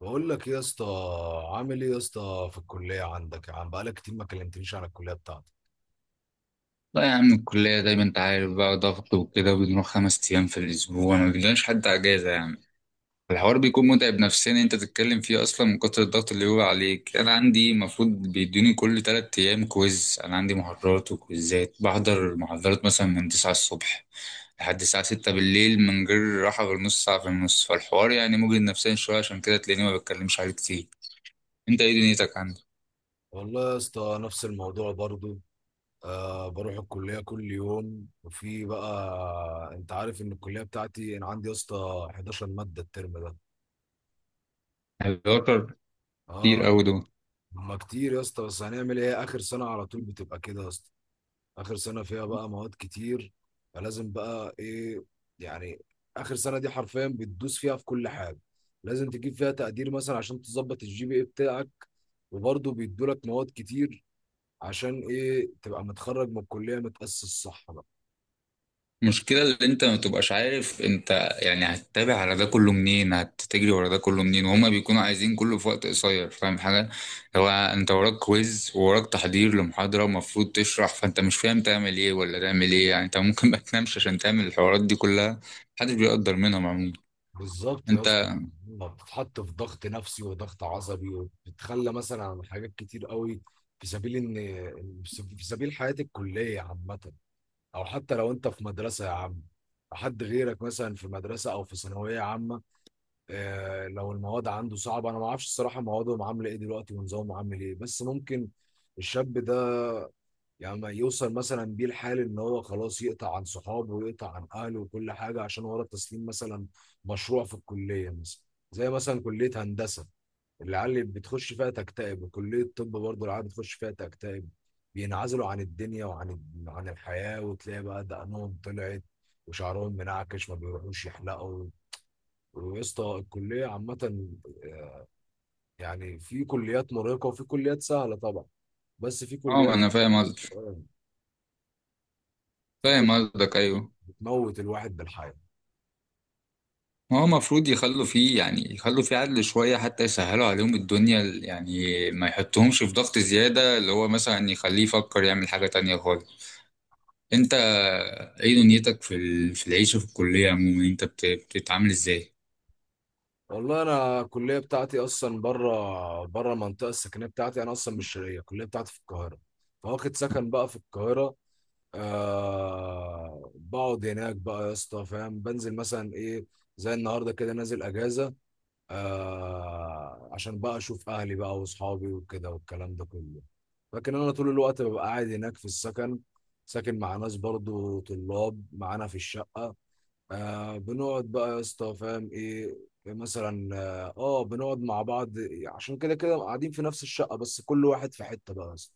بقول لك إيه يا اسطى؟ عامل ايه يا اسطى في الكليه عندك؟ يا عم بقالك كتير ما كلمتنيش عن الكليه بتاعتك. لا يا عم، الكلية زي ما انت عارف بقى ضغط وكده، وبنروح 5 أيام في الأسبوع، ما بيجيلناش حتى أجازة يعني. الحوار بيكون متعب نفسيا، انت تتكلم فيه أصلا من كتر الضغط اللي هو عليك. أنا عندي المفروض بيدوني كل 3 أيام كويز. أنا عندي محاضرات وكويزات، بحضر محاضرات مثلا من 9 الصبح لحد الساعة 6 بالليل، من غير راحة غير نص ساعة في النص. فالحوار يعني مجهد نفسيا شوية، عشان كده تلاقيني ما بتكلمش عليه كتير. انت ايه دنيتك عندك؟ والله يا اسطى نفس الموضوع برضو. آه، بروح الكليه كل يوم، وفي بقى انت عارف ان الكليه بتاعتي، انا عندي يا اسطى 11 ماده الترم ده. بيوتر. كتير اه، أوي دول. هما كتير يا اسطى، بس هنعمل ايه، اخر سنه على طول بتبقى كده يا اسطى. اخر سنه فيها بقى مواد كتير، فلازم بقى ايه يعني. اخر سنه دي حرفيا بتدوس فيها في كل حاجه، لازم تجيب فيها تقدير مثلا عشان تظبط الجي بي اي بتاعك، وبرضه بيدولك مواد كتير عشان ايه، تبقى متخرج من الكليه متاسس صح بقى. المشكلة اللي انت ما بتبقاش عارف انت، يعني هتتابع على ده كله منين، هتجري ورا ده كله منين، وهما بيكونوا عايزين كله في وقت قصير، فاهم حاجة؟ هو انت وراك كويز ووراك تحضير لمحاضرة ومفروض تشرح، فانت مش فاهم تعمل ايه ولا تعمل ايه، يعني انت ممكن ما تنامش عشان تعمل الحوارات دي كلها. محدش بيقدر منهم عموما. بالظبط يا اسطى، انت. ما بتتحط في ضغط نفسي وضغط عصبي، وبتتخلى مثلا عن حاجات كتير قوي، في سبيل ان في سبيل حياه الكليه عامه، او حتى لو انت في مدرسه يا عم، حد غيرك مثلا في مدرسه او في ثانويه عامه. آه لو المواد عنده صعبه، انا ما اعرفش الصراحه موادهم عامله ايه دلوقتي ونظامهم عامل ايه، بس ممكن الشاب ده يعني ما يوصل مثلا بيه الحال ان هو خلاص يقطع عن صحابه ويقطع عن اهله وكل حاجه عشان ورا تسليم مثلا مشروع في الكليه مثلا. زي مثلا كليه هندسه، العيال بتخش فيها تكتئب، كلية الطب برضه العيال بتخش فيها تكتئب، بينعزلوا عن الدنيا وعن الحياة، وتلاقي بقى دقنهم طلعت وشعرهم منعكش ما بيروحوش يحلقوا. ويا اسطى، الكلية عامة، يعني في كليات مرهقة وفي كليات سهلة طبعا، بس في اه، ما كليات، انا فاهم قصدك، آه، في فاهم كليات قصدك، ايوه. بتموت الواحد بالحياة. هو المفروض يخلوا فيه، يعني يخلوا فيه عدل شوية حتى يسهلوا عليهم الدنيا يعني، ما يحطهمش في ضغط زيادة اللي هو مثلا يخليه يفكر يعمل حاجة تانية خالص. انت ايه دنيتك في في العيشة في الكلية عموما، انت بتتعامل ازاي؟ والله انا الكلية بتاعتي اصلا بره بره المنطقة السكنية بتاعتي، انا اصلا مش شرقية، الكلية بتاعتي في القاهرة، فواخد سكن بقى في القاهرة. آه بقعد هناك بقى يا اسطى، فاهم، بنزل مثلا ايه، زي النهارده كده، نازل اجازه. آه، عشان بقى اشوف اهلي بقى واصحابي وكده والكلام ده كله. لكن انا طول الوقت ببقى قاعد هناك في السكن، ساكن مع ناس برضو طلاب معانا في الشقه. آه بنقعد بقى يا اسطى، فاهم ايه، مثلا بنقعد مع بعض، عشان كده كده قاعدين في نفس الشقه، بس كل واحد في حته بقى يا اسطى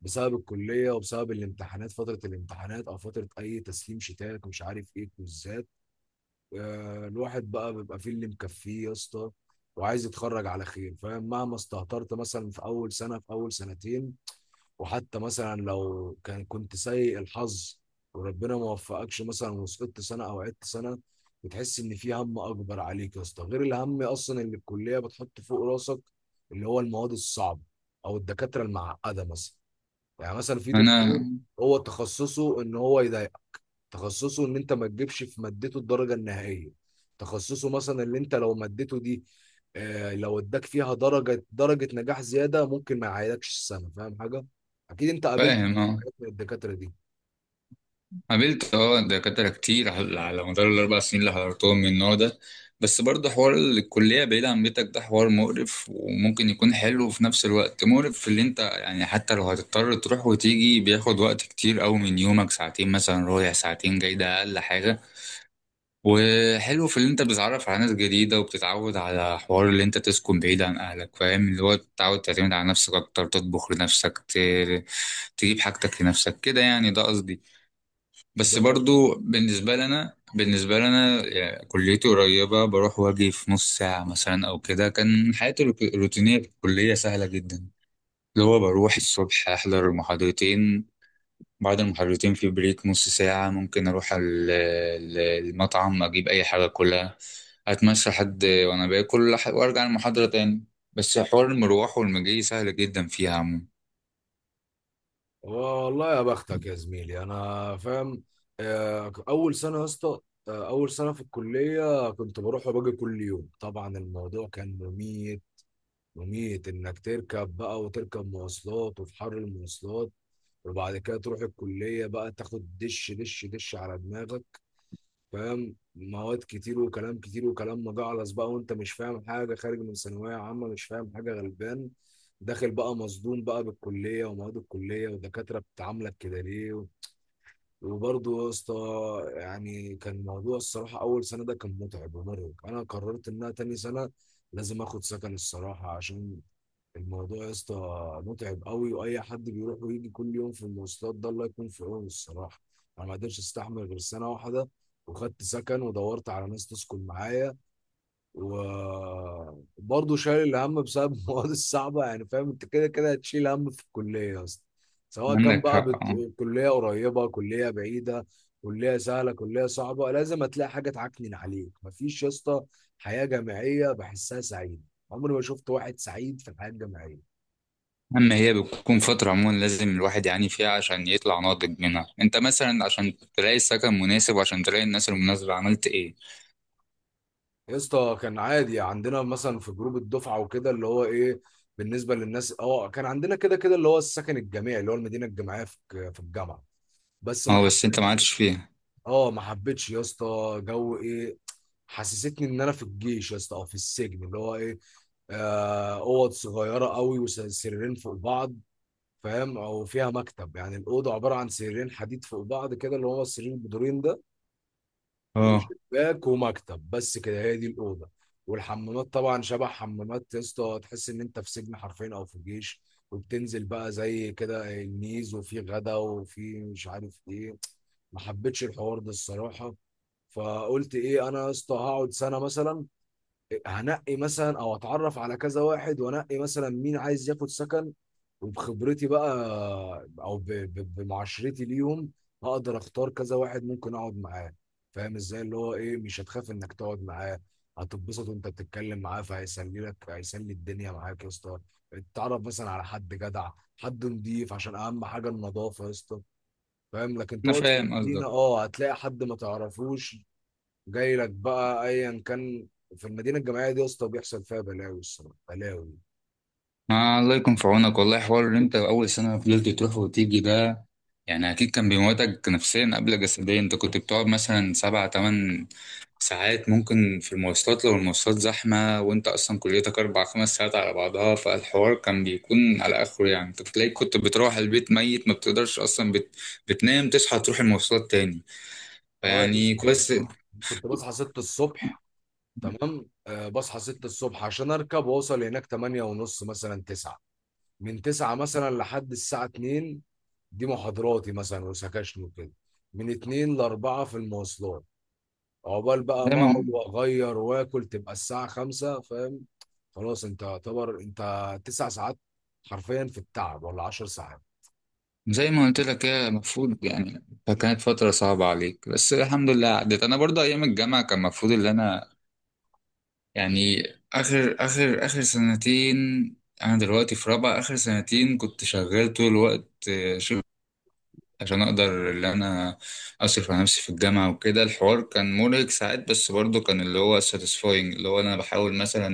بسبب الكليه وبسبب الامتحانات، فتره الامتحانات او فتره اي تسليم، شتات ومش عارف ايه، كويزات. آه، الواحد بقى بيبقى فيه اللي مكفيه يا اسطى، وعايز يتخرج على خير، فاهم، مهما استهترت مثلا في اول سنه، في اول سنتين، وحتى مثلا لو كان كنت سيء الحظ، وربنا ما وفقكش مثلا وسقطت سنه او عدت سنه، بتحس ان في هم اكبر عليك يا اسطى، غير الهم اصلا اللي الكليه بتحط فوق راسك، اللي هو المواد الصعبه او الدكاتره المعقده مثلا. يعني مثلا في دكتور انا هو تخصصه ان هو يضايق، تخصصه ان انت ما تجيبش في مادته الدرجه النهائيه، تخصصه مثلا اللي انت لو مادته دي، آه لو اداك فيها درجه، درجه نجاح زياده ممكن ما يعيدكش السنه، فاهم حاجه. اكيد انت قابلت فاهم، اه. حاجات من الدكاتره دي. قابلت، اه، دكاترة كتير على مدار الأربع سنين اللي حضرتهم من النوع ده. بس برضه حوار الكلية بعيد عن بيتك، ده حوار مقرف وممكن يكون حلو وفي نفس الوقت مقرف. في اللي انت يعني حتى لو هتضطر تروح وتيجي، بياخد وقت كتير أوي من يومك، ساعتين مثلا رايح ساعتين جاي، ده أقل حاجة. وحلو في اللي انت بتتعرف على ناس جديدة، وبتتعود على حوار اللي انت تسكن بعيد عن أهلك، فاهم؟ اللي هو تتعود تعتمد على نفسك أكتر، تطبخ لنفسك، تجيب حاجتك لنفسك كده يعني، ده قصدي. بس ده برضو بالنسبة لنا، بالنسبة لنا يعني كليتي قريبة، بروح واجي في نص ساعة مثلا أو كده، كان حياتي الروتينية في الكلية سهلة جدا. اللي هو بروح الصبح أحضر المحاضرتين، بعد المحاضرتين في بريك نص ساعة، ممكن أروح المطعم أجيب أي حاجة كلها، أتمشى حد وأنا باكل وأرجع المحاضرة تاني. بس حوار المروح والمجي سهل جدا فيها عموما. والله يا بختك يا زميلي، انا فاهم. آه، اول سنه يا اسطى آه، اول سنه في الكليه كنت بروح وباجي كل يوم، طبعا الموضوع كان مميت. مميت انك تركب بقى وتركب مواصلات وفي حر المواصلات، وبعد كده تروح الكلية بقى تاخد دش دش دش على دماغك، فاهم، مواد كتير وكلام كتير وكلام مجعلص بقى، وانت مش فاهم حاجة، خارج من ثانوية عامة مش فاهم حاجة، غلبان، داخل بقى مصدوم بقى بالكلية ومواد الكلية، ودكاترة بتعاملك كده ليه، وبرضه يا اسطى. يعني كان موضوع الصراحة، أول سنة ده كان متعب ومرهق، أنا قررت إنها تاني سنة لازم آخد سكن الصراحة، عشان الموضوع يا اسطى متعب قوي، واي حد بيروح ويجي كل يوم في المواصلات ده الله يكون في عونه الصراحه. انا ما قدرتش استحمل غير سنه واحده، وخدت سكن ودورت على ناس تسكن معايا، وبرضه شايل الهم بسبب المواد الصعبه، يعني فاهم، انت كده كده هتشيل هم في الكليه يا اسطى، سواء كان عندك بقى حق. كليه قريبه كليه بعيده، كليه سهله كليه صعبه، لازم هتلاقي حاجه تعكنن عليك، مفيش يا اسطى حياه جامعيه بحسها سعيده، عمري ما شفت واحد سعيد في الحياه الجامعيه. أما هي بتكون فترة عموما لازم الواحد يعاني فيها عشان يطلع ناضج منها. انت مثلا عشان تلاقي سكن مناسب وعشان تلاقي الناس المناسبة عملت ايه؟ يا اسطى كان عادي عندنا مثلا في جروب الدفعه وكده، اللي هو ايه، بالنسبه للناس، اه كان عندنا كده كده اللي هو السكن الجامعي، اللي هو المدينه الجامعيه في في الجامعه، بس ما اه، بس انت ما حبيتش. عادش فيها. اه ما حبيتش يا اسطى جو ايه، حسستني ان انا في الجيش يا اسطى او في السجن، اللي هو ايه، آه، اوض صغيره قوي وسريرين فوق بعض، فاهم، او فيها مكتب، يعني الاوضه عباره عن سريرين حديد فوق بعض كده، اللي هو السرير البدورين ده، اه، وشباك ومكتب بس كده، هي دي الاوضه. والحمامات طبعا شبه حمامات يا اسطى، تحس ان انت في سجن حرفيا او في الجيش، وبتنزل بقى زي كده الميز وفي غدا وفي مش عارف ايه، ما حبيتش الحوار ده الصراحه. فقلت ايه، انا يا اسطى هقعد سنه مثلا، هنقي مثلا او اتعرف على كذا واحد، وانقي مثلا مين عايز ياخد سكن، وبخبرتي بقى، او بمعاشرتي ليهم، هقدر اختار كذا واحد ممكن اقعد معاه، فاهم ازاي، اللي هو ايه، مش هتخاف انك تقعد معاه، هتتبسط وانت بتتكلم معاه، فهيسلي لك، هيسلي الدنيا معاك يا اسطى، اتعرف مثلا على حد جدع، حد نضيف، عشان اهم حاجه النظافه يا اسطى، فاهم، لكن انا تقعد في فاهم المدينه، قصدك. اه هتلاقي حد ما تعرفوش جاي لك بقى ايا كان، في المدينه الجامعيه دي يا اسطى بيحصل فيها بلاوي الصراحه، بلاوي. آه، الله يكون في عونك، والله حوار ان انت اول سنه فضلت تروح وتيجي ده، يعني اكيد كان بيموتك نفسيا قبل جسديا. انت كنت بتقعد مثلا سبع تمن ساعات ممكن في المواصلات لو المواصلات زحمه، وانت اصلا كليتك اربع خمس ساعات على بعضها، فالحوار كان بيكون على اخره يعني. انت بتلاقي كنت بتروح البيت ميت، ما بتقدرش اصلا بتنام تصحى تروح المواصلات تاني، اه يا فيعني اسطى. كويس. آه. كنت بصحى 6 الصبح، تمام، آه بصحى 6 الصبح عشان اركب واوصل هناك 8 ونص مثلا 9، من 9 مثلا لحد الساعه 2 دي محاضراتي مثلا وسكاشن وكده، من 2 ل 4 في المواصلات، عقبال بقى ما دايما اقعد واغير واكل تبقى الساعه 5، فاهم، خلاص انت يعتبر انت 9 ساعات حرفيا في التعب ولا 10 ساعات. زي ما قلت لك، هي المفروض يعني، فكانت فترة صعبة عليك بس الحمد لله عدت. أنا برضه أيام الجامعة كان المفروض إن أنا يعني آخر سنتين، أنا دلوقتي في رابعة، آخر سنتين كنت شغال طول الوقت، شغل، عشان أقدر إن أنا أصرف على نفسي في الجامعة وكده. الحوار كان مرهق ساعات، بس برضه كان اللي هو ساتيسفاينج. اللي هو أنا بحاول مثلا،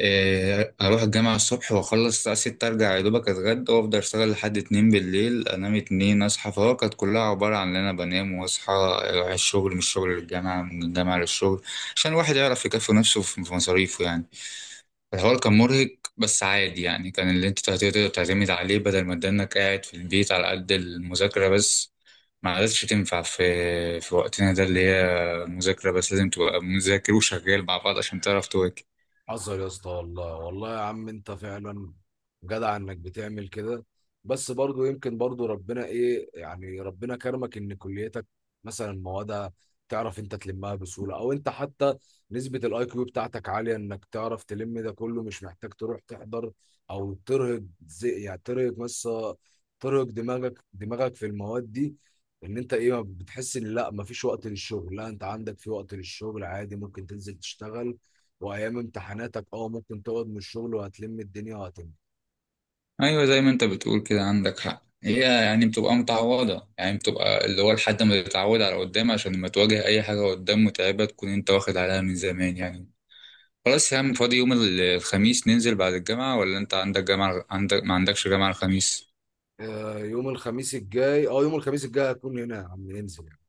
اروح الجامعة الصبح واخلص الساعة 6، ارجع يا دوبك اتغدى وافضل اشتغل لحد 2 بالليل، انام اتنين اصحى. فهو كانت كلها عبارة عن ان انا بنام واصحى، اروح الشغل، من الشغل للجامعة، من الجامعة للشغل، عشان الواحد يعرف يكفي نفسه في مصاريفه يعني. الحوار كان مرهق، بس عادي يعني، كان اللي انت تقدر تعتمد عليه بدل ما تدنك قاعد في البيت على قد المذاكرة بس. ما عادتش تنفع في وقتنا ده، اللي هي المذاكرة بس، لازم تبقى مذاكر وشغال مع بعض عشان تعرف تواكب. حصل يا اسطى، والله والله يا عم انت فعلا جدع انك بتعمل كده، بس برضو يمكن برضو ربنا ايه يعني، ربنا كرمك ان كليتك مثلا موادها تعرف انت تلمها بسهولة، او انت حتى نسبة الاي كيو بتاعتك عالية انك تعرف تلم ده كله، مش محتاج تروح تحضر، او ترهق زي يعني ترهق، بس ترهق دماغك في المواد دي، ان انت ايه بتحس ان لا مفيش وقت للشغل، لا انت عندك في وقت للشغل عادي، ممكن تنزل تشتغل، وايام امتحاناتك اه ممكن تقعد من الشغل وهتلم الدنيا وهتنجح. ايوه، زي ما انت بتقول كده، عندك حق، هي يعني بتبقى متعوضه، يعني بتبقى اللي هو لحد ما تتعود على قدام، عشان لما تواجه اي حاجه قدام متعبه تكون انت واخد عليها من زمان يعني. خلاص يا عم، فاضي يوم الخميس ننزل بعد الجامعه؟ ولا انت عندك جامعه، عندك ما عندكش جامعه الخميس؟ آه، يوم الخميس الجاي، اه يوم الخميس الجاي هكون هنا يا عم، ننزل يعني.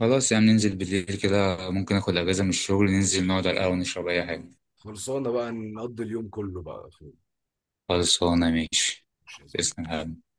خلاص يا عم، ننزل بالليل كده، ممكن اخد اجازه من الشغل، ننزل نقعد على القهوه نشرب اي حاجه. خلصانه بقى، نقضي اليوم كله بقى يا اخوي. خلصانه ماشي. مش لازم. تسلم يا حبيبي.